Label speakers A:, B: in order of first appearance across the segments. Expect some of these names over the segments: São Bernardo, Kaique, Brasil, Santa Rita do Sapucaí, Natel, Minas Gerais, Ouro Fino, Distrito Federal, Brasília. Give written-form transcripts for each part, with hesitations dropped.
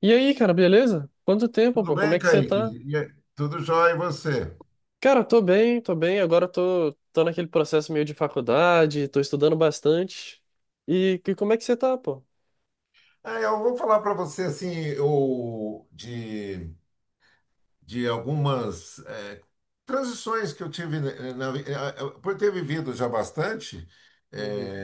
A: E aí, cara, beleza? Quanto tempo,
B: Tudo
A: pô? Como é
B: bem,
A: que você
B: Kaique?
A: tá?
B: E aí, tudo jóia e você?
A: Cara, tô bem, tô bem. Agora tô naquele processo meio de faculdade, tô estudando bastante. Como é que você tá, pô?
B: Eu vou falar para você assim, de algumas transições que eu tive, né, na, vi- eh, eh, por ter vivido já bastante. é,
A: Uhum.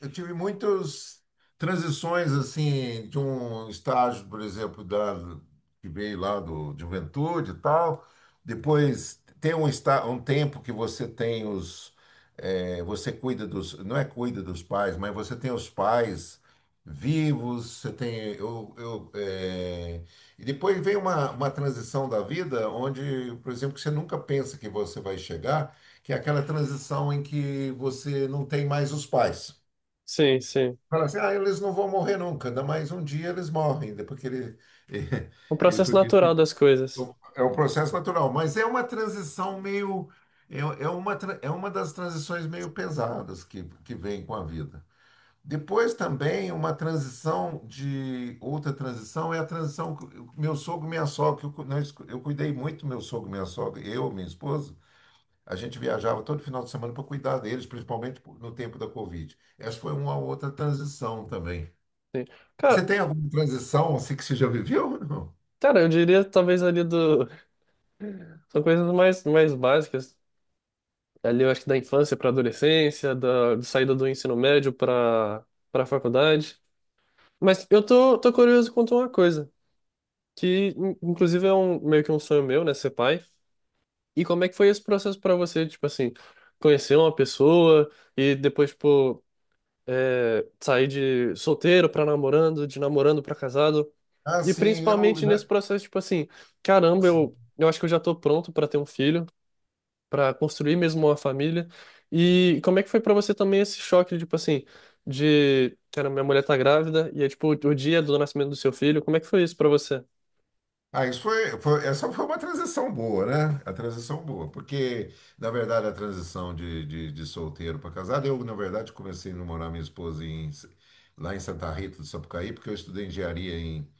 B: eu tive muitas transições assim de um estágio, por exemplo, da que veio lá do de juventude e tal. Depois tem um está um tempo que você tem os você cuida dos, não é, cuida dos pais, mas você tem os pais vivos, você tem e depois vem uma transição da vida onde, por exemplo, que você nunca pensa que você vai chegar, que é aquela transição em que você não tem mais os pais.
A: Sim, sim.
B: Fala assim, ah, eles não vão morrer nunca, ainda mais um dia eles morrem, né, porque ele,
A: O processo
B: porque
A: natural
B: ele
A: das coisas.
B: é o processo natural. Mas é uma transição meio, é, é é uma das transições meio pesadas que vem com a vida. Depois também uma transição de, outra transição é a transição, que o- meu sogro e minha sogra, que eu, cu- nós, cu- eu cuidei muito do meu sogro e minha sogra, eu, minha esposa, a gente viajava todo final de semana para cuidar deles, principalmente no tempo da Covid. Essa foi uma outra transição também. Você
A: Cara,
B: tem alguma transição assim que você já viveu? Não.
A: cara, eu diria talvez ali do... São coisas mais básicas. Ali eu acho que da infância pra adolescência, da de saída do ensino médio pra faculdade. Mas eu tô curioso quanto a uma coisa, que inclusive é um, meio que um sonho meu, né, ser pai. E como é que foi esse processo pra você, tipo assim, conhecer uma pessoa e depois, tipo, sair de solteiro pra namorando, de namorando pra casado?
B: Ah,
A: E
B: sim, eu,
A: principalmente nesse
B: né?
A: processo, tipo assim, caramba, eu acho que eu já tô pronto pra ter um filho, pra construir mesmo uma família. E como é que foi pra você também esse choque, tipo assim, de, cara, minha mulher tá grávida e é tipo o dia do nascimento do seu filho, como é que foi isso pra você?
B: Ah, essa foi uma transição boa, né? A transição boa, porque, na verdade, a transição de, de solteiro para casado, eu, na verdade, comecei a namorar minha esposa em, lá em Santa Rita do Sapucaí, porque eu estudei engenharia em,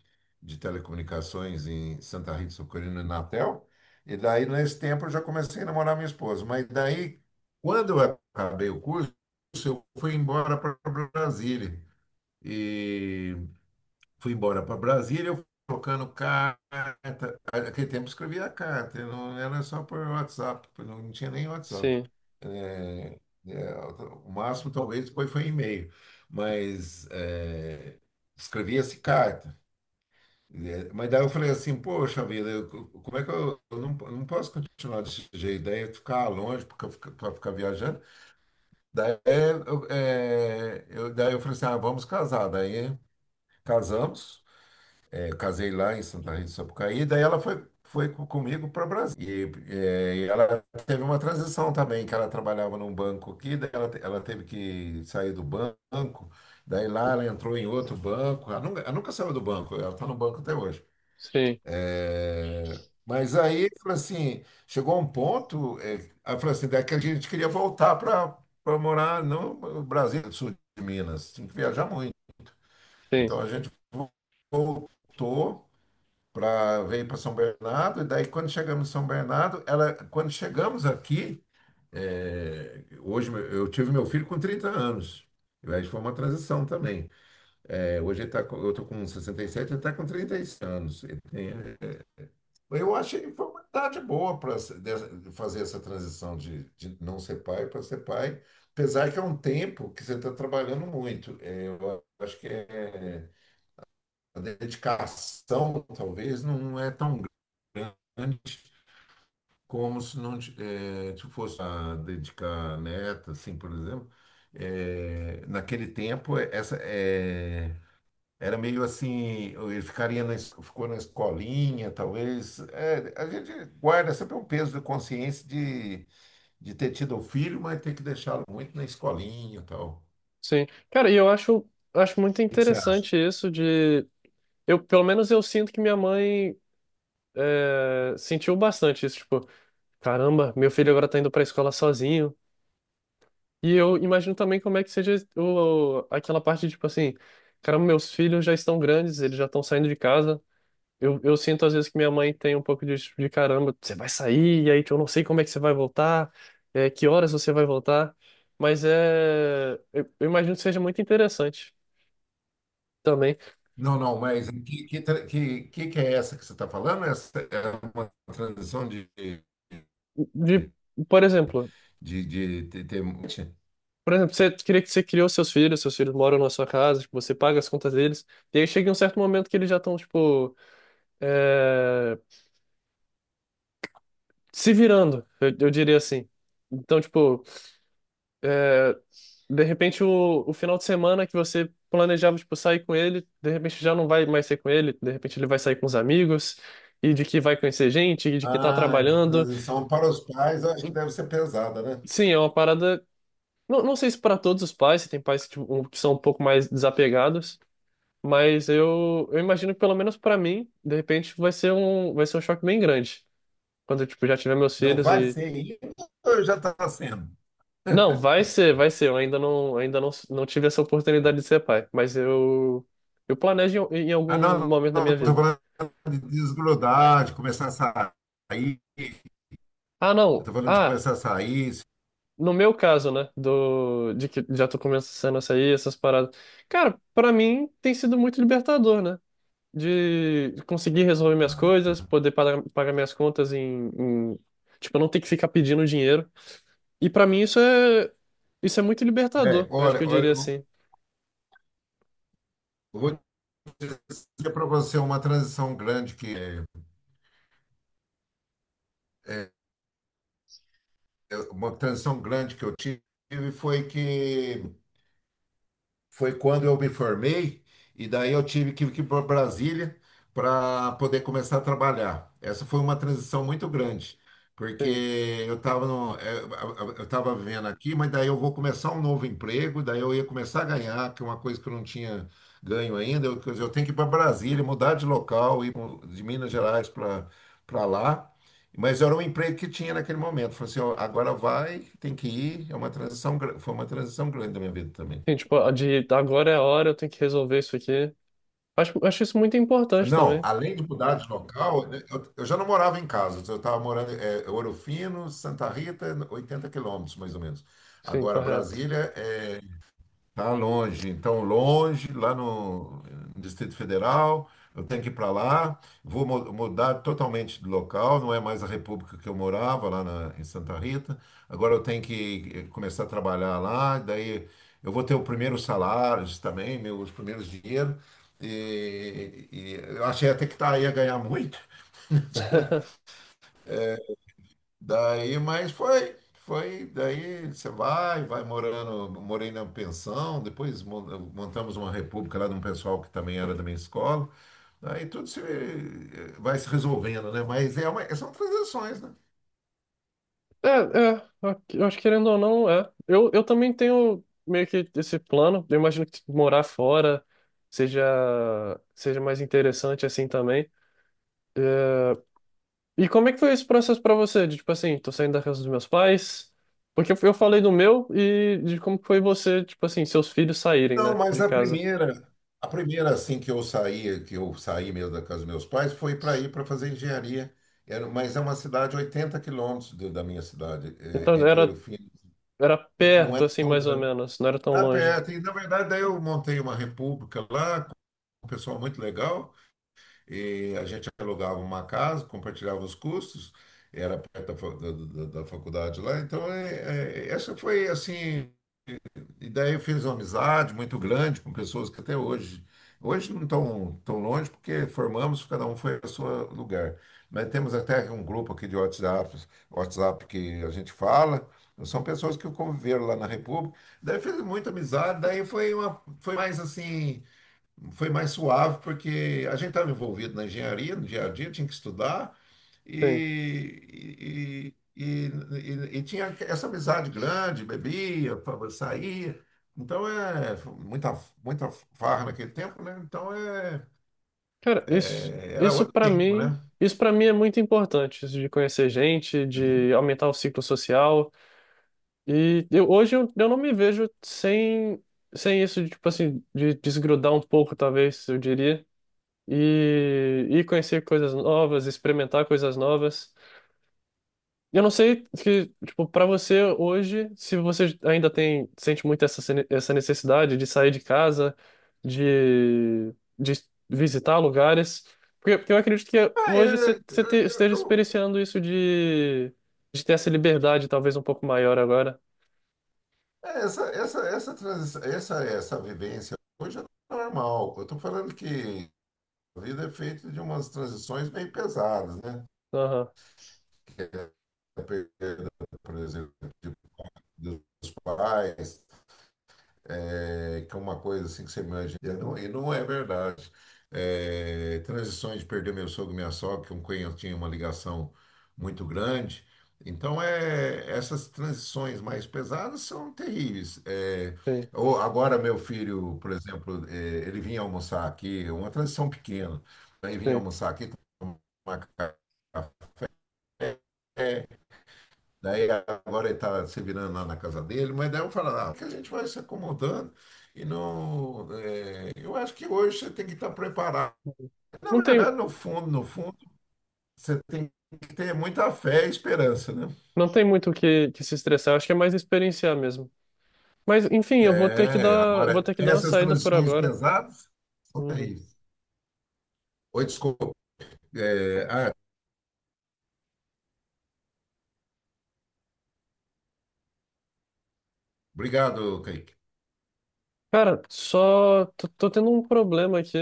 B: de telecomunicações em Santa Rita do Sapucaí, no Natel, e daí, nesse tempo, eu já comecei a namorar minha esposa. Mas daí, quando eu acabei o curso, eu fui embora para Brasília. E fui embora para Brasília, eu fui trocando carta. Naquele tempo eu escrevia carta, eu não era só por WhatsApp, não tinha nem WhatsApp.
A: Sim,
B: É, é, o máximo talvez depois foi e-mail, mas escrevia-se carta. É, mas daí eu falei assim, poxa vida, eu- como é que eu não posso continuar desse jeito? Daí eu ficar longe porque eu fica- pra ficar viajando. Daí daí eu falei assim, ah, vamos casar. Daí casamos. Eu casei lá em Santa Rita do Sapucaí, daí ela comigo para o Brasil. E, e ela teve uma transição também, que ela trabalhava num banco aqui, daí ela teve que sair do banco, daí lá ela entrou em outro banco. Ela nunca saiu do banco, ela está no banco até hoje.
A: sim,
B: Eh, mas aí, falou assim, chegou um ponto, ela falou assim, daqui a gente queria voltar para para morar no Brasil, sul de Minas, tinha que viajar muito.
A: sim.
B: Então a gente voltou para veio para São Bernardo e daí quando chegamos em São Bernardo, ela quando chegamos aqui, é, hoje meu- eu tive meu filho com 30 anos. E aí foi uma transição também. É, hoje ele tá, com- eu estou com 67, ele está com 36 anos. Ele tem- eu achei que foi uma idade boa para fazer essa transição de, não ser pai para ser pai, apesar que é um tempo que você está trabalhando muito. É, eu acho que é a dedicação talvez não é tão grande como se não ti- se fosse a dedicar a neta, assim, por exemplo. Naquele tempo, essa era meio assim, ele ficaria na, es- ficou na escolinha, talvez. É, a gente guarda sempre um peso da consciência de ter tido o filho, mas ter que deixá-lo muito na escolinha e tal. O
A: Sim. Cara, acho muito
B: que que você acha?
A: interessante isso de. Eu, pelo menos eu sinto que minha mãe sentiu bastante isso. Tipo, caramba, meu filho agora tá indo pra escola sozinho. E eu imagino também como é que seja o, aquela parte, tipo assim, caramba, meus filhos já estão grandes, eles já estão saindo de casa. Eu sinto às vezes que minha mãe tem um pouco disso tipo, de caramba, você vai sair, e aí eu não sei como é que você vai voltar, que horas você vai voltar. Mas é. Eu imagino que seja muito interessante também.
B: Não, não, mas que é essa que você está falando? Essa é uma transição
A: De, por exemplo,
B: de ter...
A: por exemplo, você queria que você criou seus filhos moram na sua casa, tipo, você paga as contas deles, e aí chega um certo momento que eles já estão, tipo, é, se virando, eu diria assim. Então, tipo, é, de repente o final de semana que você planejava, tipo, sair com ele, de repente já não vai mais ser com ele, de repente ele vai sair com os amigos, e de que vai conhecer gente, e de que tá
B: Ah, essa
A: trabalhando.
B: transição para os pais, eu acho que deve ser pesada, né?
A: Sim, é uma parada. Não, não sei se para todos os pais, se tem pais que, tipo, que são um pouco mais desapegados. Mas eu imagino que pelo menos pra mim, de repente, vai ser vai ser um choque bem grande. Quando eu, tipo, já tiver meus
B: Não
A: filhos
B: vai
A: e.
B: ser ainda ou já está sendo?
A: Não, vai ser, vai ser. Eu ainda não tive essa oportunidade de ser pai. Mas eu planejo em
B: Ah,
A: algum
B: não,
A: momento da
B: não,
A: minha
B: estou
A: vida.
B: falando de desgrudar, de começar a sair. Eu
A: Ah, não.
B: estou falando de
A: Ah,
B: começar a sair.
A: no meu caso, né? Do, de que já tô começando a sair, essas paradas. Cara, pra mim tem sido muito libertador, né? De conseguir resolver minhas coisas, pagar minhas contas em. Tipo, eu não ter que ficar pedindo dinheiro. E pra mim isso é muito
B: É,
A: libertador. Eu acho que
B: olha,
A: eu
B: olha,
A: diria
B: eu
A: assim.
B: eu vou dizer para você uma transição grande que é, uma transição grande que eu tive foi que foi quando eu me formei, e daí eu tive que ir para Brasília para poder começar a trabalhar. Essa foi uma transição muito grande, porque
A: Sim.
B: eu estava eu estava vivendo aqui, mas daí eu vou começar um novo emprego, daí eu ia começar a ganhar, que é uma coisa que eu não tinha ganho ainda. Eu, quer dizer, eu tenho que ir para Brasília, mudar de local, ir pro- de Minas Gerais para para lá. Mas era um emprego que tinha naquele momento. Falei assim, ó, agora vai, tem que ir. É uma transição, gra- foi uma transição grande da minha vida também.
A: Sim, tipo, a de agora é a hora, eu tenho que resolver isso aqui. Acho isso muito importante
B: Não,
A: também.
B: além de mudar de local, né, eu já não morava em casa, eu estava morando em Ouro Fino, Santa Rita, 80 quilômetros mais ou menos.
A: Sim,
B: Agora,
A: correto.
B: Brasília é tá longe, então longe, lá no Distrito Federal, eu tenho que ir para lá, vou mu- mudar totalmente de local, não é mais a república que eu morava lá na- em Santa Rita. Agora eu tenho que começar a trabalhar lá, daí eu vou ter o primeiro salário também, meus primeiros dinheiros, e eu achei até que tá, ia ganhar muito. Daí, mas daí você vai, vai morando, morei na pensão, depois mon- montamos uma república lá de um pessoal que também era da minha escola. Daí tudo se vai se resolvendo, né? Mas é uma, são transações, né?
A: É, é, eu acho que querendo ou não, é. Eu também tenho meio que esse plano. Eu imagino que morar fora seja, seja mais interessante assim também. É, e como é que foi esse processo pra você? De, tipo assim, tô saindo da casa dos meus pais? Porque eu falei do meu e de como que foi você, tipo assim, seus filhos saírem,
B: Não,
A: né,
B: mas
A: de
B: a
A: casa.
B: primeira, a primeira assim que eu saí mesmo da casa dos meus pais, foi para ir para fazer engenharia. Era, mas é uma cidade 80 quilômetros do- da minha cidade,
A: Então
B: é, entre Ouro Fino.
A: era
B: Não
A: perto,
B: era
A: assim,
B: tão
A: mais ou
B: grande.
A: menos, não era tão
B: Era
A: longe.
B: perto. E, na verdade, daí eu montei uma república lá com um pessoal muito legal. E a gente alugava uma casa, compartilhava os custos. Era perto da, fa- da faculdade lá. Então, é- é- essa foi, assim, e daí eu fiz uma amizade muito grande com pessoas que até hoje, hoje não estão tão longe, porque formamos, cada um foi ao seu lugar. Mas temos até um grupo aqui de WhatsApp, WhatsApp que a gente fala, são pessoas que conviveram lá na República. Daí fiz muita amizade, daí foi uma, foi mais assim, foi mais suave, porque a gente estava envolvido na engenharia, no dia a dia, tinha que estudar,
A: Sim.
B: e tinha essa amizade grande, bebia, fa- saía. Então é muita farra naquele tempo, né? Então
A: Cara,
B: é- era outro tempo, né?
A: isso para mim é muito importante, isso de conhecer gente, de aumentar o ciclo social. E eu, hoje eu não me vejo sem isso, de, tipo assim, de desgrudar um pouco, talvez, eu diria. E, e conhecer coisas novas, experimentar coisas novas. Eu não sei que, tipo, para você hoje, se você ainda tem, sente muito essa, essa necessidade de sair de casa, de, de visitar lugares, porque eu acredito que
B: Ah,
A: hoje você,
B: eu-
A: você
B: eu-
A: esteja
B: eu-
A: experienciando isso de ter essa liberdade talvez um pouco maior agora.
B: É, essa vivência hoje é normal. Eu estou falando que a vida é feita de umas transições meio pesadas, né?
A: Aham,
B: Que é a perda, por exemplo, de- dos pais, é, que é uma coisa assim que você imagina, e não é verdade. É, transições de perder meu sogro e minha sogra, que um eu tinha uma ligação muito grande. Então, é, essas transições mais pesadas são terríveis. É,
A: sim,
B: ou agora, meu filho, por exemplo, é, ele vinha almoçar aqui, uma transição pequena, ele vinha
A: sim.
B: almoçar aqui, tomar café. Daí agora ele está se virando lá na casa dele, mas daí eu falo, ah, que a gente vai se acomodando e não. Eu acho que hoje você tem que estar preparado. Na
A: Não tem,
B: verdade, no fundo, você tem que ter muita fé e esperança, né?
A: não tem muito o que, que se estressar, acho que é mais experienciar mesmo. Mas, enfim, eu vou ter que
B: É,
A: dar, vou
B: agora,
A: ter que dar uma
B: essas
A: saída por
B: transições
A: agora.
B: pesadas são
A: Uhum.
B: terríveis. Oi, desculpa. Eh, ah, Obrigado, Kaique.
A: Cara, só tô tendo um problema aqui.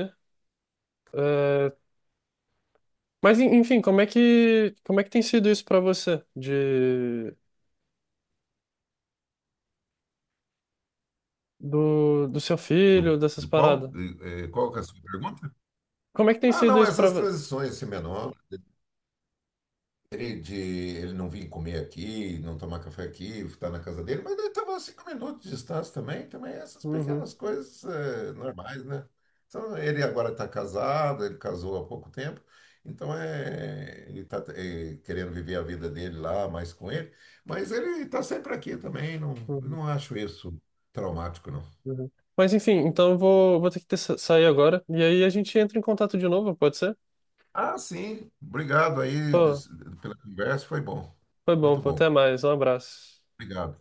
A: É, mas, enfim, como é que tem sido isso pra você? De, do seu
B: Do,
A: filho, dessas
B: do qual?
A: paradas?
B: Qual que é a sua pergunta?
A: Como é que tem
B: Ah,
A: sido
B: não,
A: isso pra
B: essas
A: você?
B: transições, assim, menor ele de ele não vir comer aqui, não tomar café aqui, estar na casa dele, mas ele estava a 5 minutos de distância também, também essas
A: Uhum,
B: pequenas coisas normais, né? Então, ele agora está casado, ele casou há pouco tempo, então é, ele está querendo viver a vida dele lá, mais com ele, mas ele está sempre aqui também, não,
A: uhum,
B: não acho isso traumático, não.
A: uhum. Mas, enfim, então vou ter que sair agora. E aí a gente entra em contato de novo, pode ser?
B: Ah, sim, obrigado aí
A: Pô,
B: des- pela conversa, foi bom,
A: foi bom,
B: muito
A: pô. Até
B: bom,
A: mais. Um abraço.
B: obrigado.